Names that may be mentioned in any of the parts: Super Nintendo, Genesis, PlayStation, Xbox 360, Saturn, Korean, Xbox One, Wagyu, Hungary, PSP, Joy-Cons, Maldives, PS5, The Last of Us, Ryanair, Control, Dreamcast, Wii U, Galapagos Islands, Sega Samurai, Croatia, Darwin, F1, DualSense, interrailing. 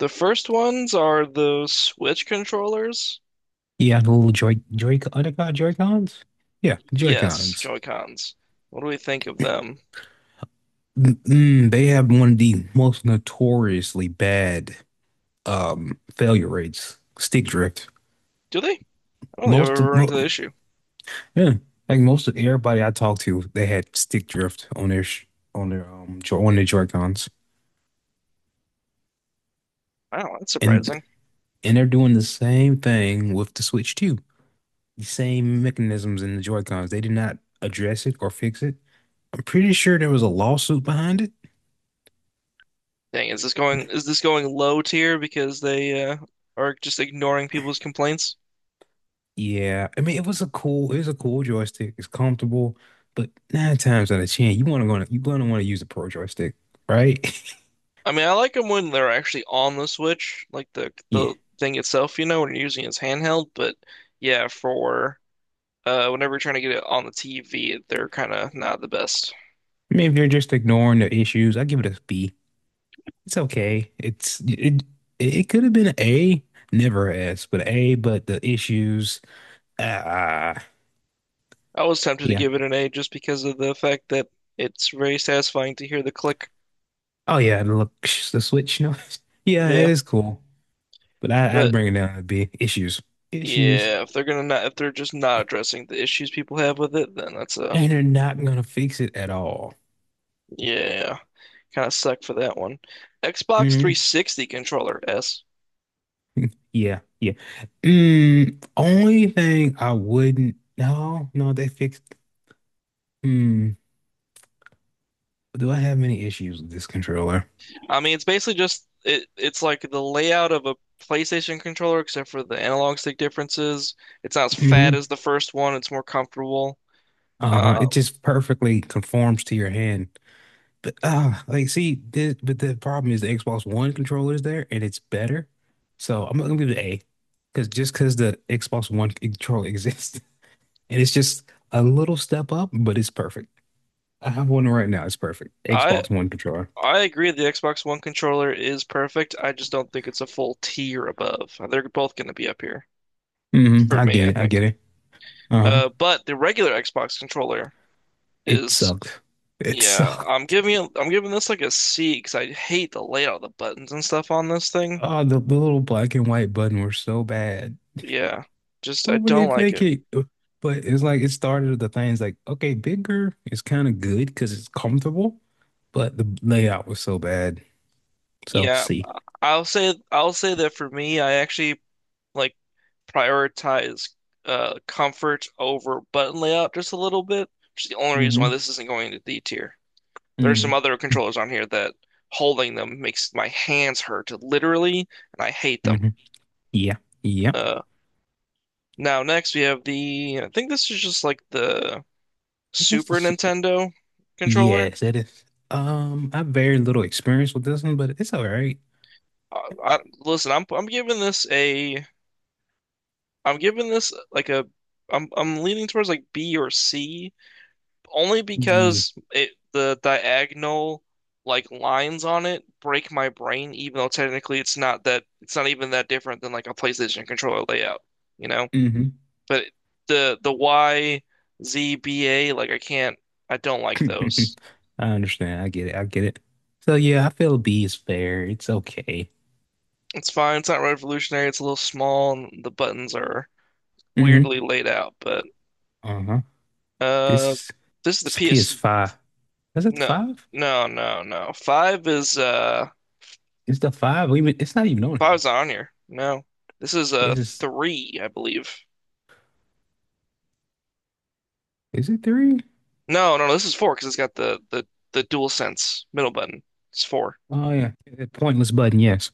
The first ones are the Switch controllers. Yeah, the little Joy Joy are they called Joy-Cons? Yeah, Yes, Joy-Cons. Joy-Cons. What do we think of them? They have one of the most notoriously bad failure rates, stick drift. Do they? I don't think I've Most ever of run into mo the issue. yeah, Like most of everybody I talked to, they had stick drift on their sh on their jo on their Joy-Cons. Wow, that's And surprising. and they're doing the same thing with the Switch too. The same mechanisms in the Joy-Cons. They did not address it or fix it. I'm pretty sure there was a lawsuit behind it. Dang, is this going low tier because they are just ignoring people's complaints? Yeah, I mean it was a cool joystick. It's comfortable, but nine times out of ten, you're gonna want to use a pro joystick, right? I mean, I like them when they're actually on the Switch, like the Yeah. the thing itself, you know, when you're using it as handheld. But yeah, for whenever you're trying to get it on the TV, they're kind of not the best. I mean if you're just ignoring the issues, I give it a B. It's okay. It could have been an A, never an S, but an A, but the issues, ah I was tempted to yeah. give it an A just because of the fact that it's very satisfying to hear the click. Oh yeah, and look the Switch, no. Yeah, it Yeah, is cool. But I'd but bring it down to B. Issues. Issues. yeah, if they're gonna not, if they're just not addressing the issues people have with it, then that's a And they're not gonna fix it at all. yeah, kind of suck for that one. Xbox Mm-hmm. 360 controller S. Yeah, yeah. Mm, only thing I wouldn't. No, no, they fixed. Mm, do I have any issues with this controller? I mean, it's basically just it. It's like the layout of a PlayStation controller, except for the analog stick differences. It's not as fat Hmm. as the first one. It's more comfortable. Uh, Uh-huh. It just perfectly conforms to your hand. But but the problem is the Xbox One controller is there, and it's better. So I'm gonna give it an A, because just because the Xbox One controller exists, and it's just a little step up, but it's perfect. I have one right now. It's perfect. I Xbox One controller. I agree the Xbox One controller is perfect. I just don't think it's a full tier above. They're both going to be up here Hmm. for I me, get I it. I think. get it. Uh-huh. But the regular Xbox controller It is, sucked. It yeah, sucked. I'm giving this like a C because I hate the layout of the buttons and stuff on this thing. Oh, the little black and white button were so bad. Yeah, just I What were don't they like it. thinking? But it's like it started with the things like, okay, bigger is kind of good because it's comfortable, but the layout was so bad. So Yeah, C. I'll say that for me, I actually like prioritize comfort over button layout just a little bit, which is the only reason why Hmm. this isn't going to D tier. There's some Hmm. other controllers on here that holding them makes my hands hurt, literally, and I hate Hmm. them. Yeah. Yeah. Uh, now next we have I think this is just like the That's the Super s- Nintendo controller. yes, that is. I have very little experience with this one, but it's all right. Listen, I'm giving this a, I'm giving this like a, I'm leaning towards like B or C, only Yeah. because it the diagonal like lines on it break my brain, even though technically it's not even that different than like a PlayStation controller layout, you know? Mm-hmm. But the YZBA, like I don't like I those. understand. I get it. I get it. So yeah, I feel B is fair. It's okay. It's fine. It's not revolutionary. It's a little small, and the buttons are Hmm. weirdly laid out. But Uh-huh. uh, This, this is the this PS. PS5. Is it the No, five? no, no, no. It's the five. We even it's not even on Five here. is on here. No, this is a This three, I believe. is it three? No, no, no, this is four because it's got the DualSense middle button. It's four. Oh yeah. Yeah, pointless button, yes.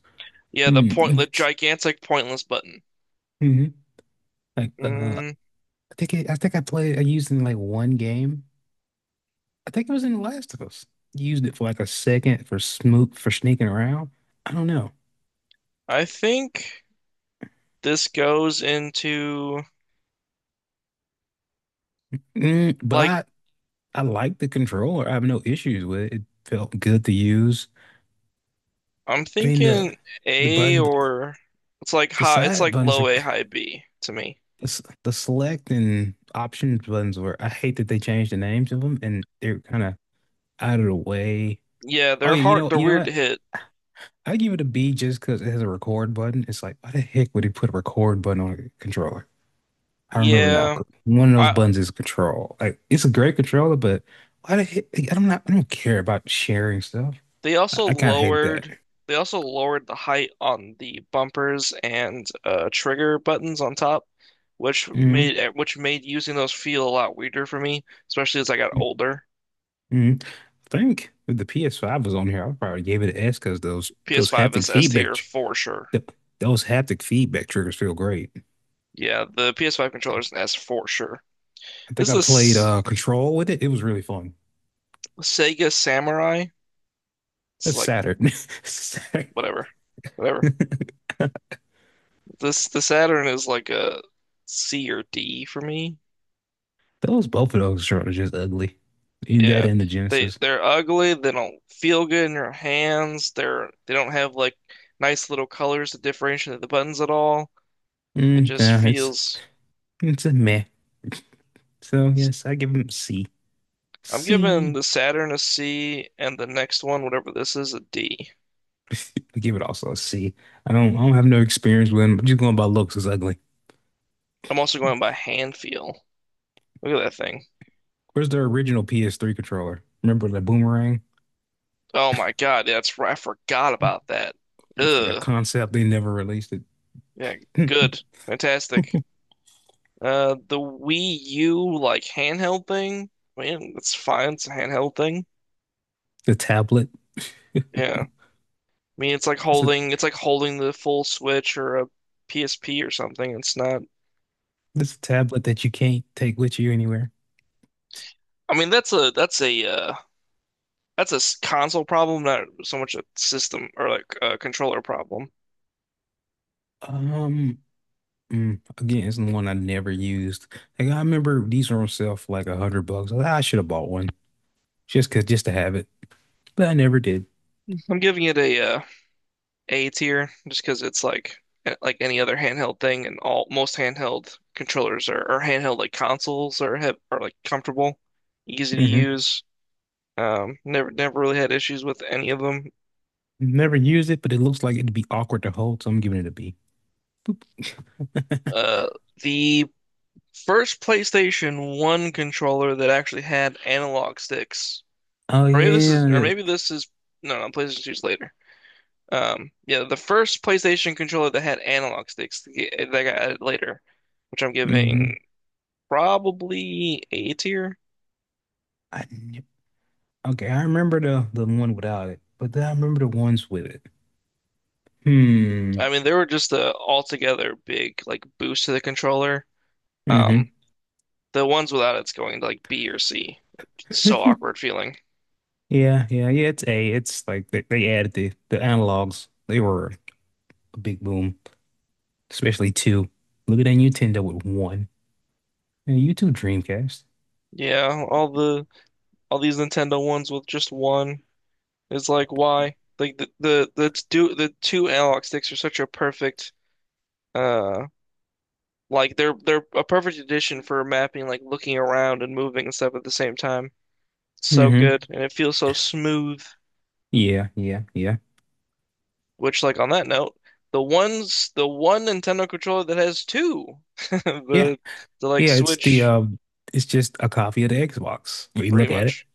Yeah, Mm-hmm. the gigantic pointless button. Mm-hmm. Like uh Mm, I I think I played I used it in like one game. I think it was in The Last of Us. Used it for like a second for smoot for sneaking around. I don't know. I think. This goes into Mm, but like I like the controller. I have no issues with it. It felt good to use. I'm I mean the thinking the A button or it's like the high it's side like buttons are low A, high B to me. the select and option buttons were I hate that they changed the names of them and they're kind of out of the way. Yeah, Oh yeah, they're you know weird to what? hit. I give it a B just because it has a record button. It's like why the heck would he put a record button on a controller? I remember that Yeah. one of those I buttons is control. Like it's a great controller, but why the heck? I don't care about sharing stuff. they also I kind of hated that. lowered they also lowered the height on the bumpers and trigger buttons on top, Hmm. Which made using those feel a lot weirder for me, especially as I got older. Mhm. I think if the PS5 was on here, I probably gave it an S because those PS5 haptic is S feedback tier tr- for sure. th those haptic feedback triggers feel great. Yeah, the PS5 controller is an S for sure. I think This I played is Control with it. It was really fun. Sega Samurai. It's That's like Saturn. Saturn. whatever, whatever. This the Saturn is like a C or D for me. Those Both of those controllers just ugly. In that Yeah, and the Genesis. they're ugly. They don't feel good in your hands. They don't have like nice little colors to differentiate the buttons at all. It Mm, just nah, it's feels. it's a meh. So yes, I give them C. I'm giving C. the Saturn a C and the next one, whatever this is, a D. I give it also a C. I don't have no experience with them. Just going by looks, it's ugly. I'm also going by hand feel. Look at that thing. Where's their original PS3 controller? Remember the boomerang? Oh my God, that's right. I forgot about that. It's like a Ugh. concept they never released Yeah, it. good. Fantastic. The Wii U like handheld thing. I mean, it's fine. It's a handheld thing. The tablet. Yeah. I mean, It's a it's like holding the full Switch or a PSP or something. It's not. it's a tablet that you can't take with you anywhere. I mean, that's a console problem, not so much a system or like a controller problem. Um, mm, again, it's the one I never used. Like I remember these were on sale for like 100 bucks. Was like, I should have bought one just to have it, but I never did. I'm giving it a A tier just because it's like eh, like any other handheld thing, and all most handheld controllers are or handheld like consoles are like comfortable, easy to Hmm. use. Never really had issues with any of them. Never used it, but it looks like it'd be awkward to hold, so I'm giving it a B. Uh, the first PlayStation 1 controller that actually had analog sticks, Oh or yeah. maybe this is, no, no, PlayStation Two's later. Yeah, the first PlayStation controller that had analog sticks yeah, that got added later, which I'm Mm-hmm. giving probably A tier. I kn- okay, I remember the one without it, but then I remember the ones with it. I Hmm. mean, they were just a altogether big like boost to the controller. Mm-hmm. Um, the ones without it's going to like B or C. It's so awkward feeling. Yeah, yeah, yeah. It's a. It's like they added the analogs. They were a big boom, especially two. Look at that Nintendo with one and YouTube Dreamcast. Yeah, all these Nintendo ones with just one is like why? Like the two analog sticks are such a perfect uh like they're a perfect addition for mapping like looking around and moving and stuff at the same time. So Mm-hmm. good and it feels so smooth. Yeah, yeah, yeah, Which like on that note, the one Nintendo controller that has two yeah, the the like yeah. It's the Switch it's just a copy of the Xbox. We pretty look at it. much.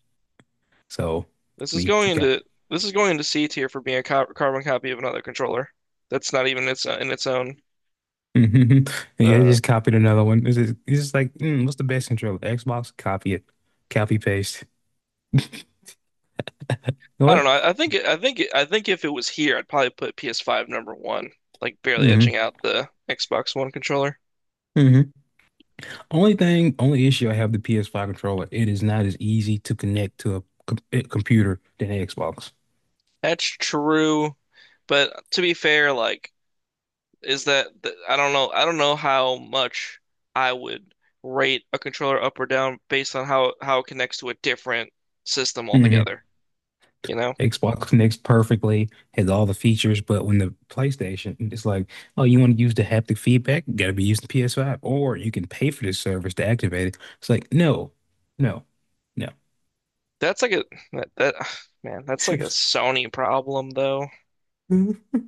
So, I This is mean, going you got. into this is going into C tier for being a co carbon copy of another controller. That's not even its in its own. Hmm. Yeah, they Uh, just copied another one. It's just like, mm, what's the best controller? Xbox. Copy it. Copy paste. You know I don't what? know. I think it- I think it- I think if it was here, I'd probably put PS5 number one, like barely Mm-hmm. edging out the Xbox One controller. Mm-hmm. Only issue I have with the PS5 controller, it is not as easy to connect to a com a computer than Xbox. That's true, but to be fair, like I don't know. I don't know how much I would rate a controller up or down based on how it connects to a different system Hmm. altogether. You know? Xbox connects perfectly, has all the features, but when the PlayStation, it's like, oh, you want to use the haptic feedback? You gotta be using PS5, or you can pay for this service to activate it. It's like, no, no, no. That's like a that man, that's like a Sony problem though.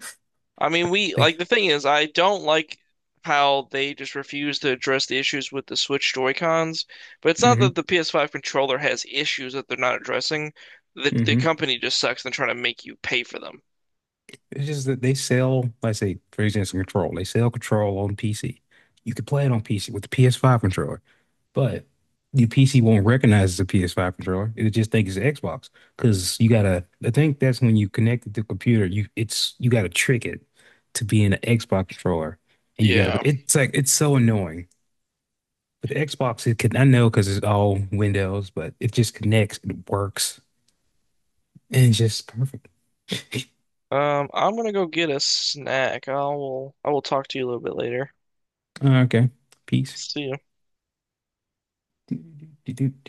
I mean, we They, like the thing is I don't like how they just refuse to address the issues with the Switch Joy-Cons, but it's not mm-hmm, that the PS5 controller has issues that they're not addressing. The mm-hmm. company just sucks and trying to make you pay for them. It's just that they sell, like say, for example, Control. They sell Control on PC. You can play it on PC with the PS5 controller, but your PC won't recognize it's a PS5 controller. It'll just think it's Xbox because you gotta. I think that's when you connect it to the computer. You gotta trick it to being an Xbox controller, and you gotta. Yeah. It's like it's so annoying. But the Xbox, it can I know because it's all Windows, but it just connects. It works, and it's just perfect. I'm gonna go get a snack. I will talk to you a little bit later. Okay, peace. See you.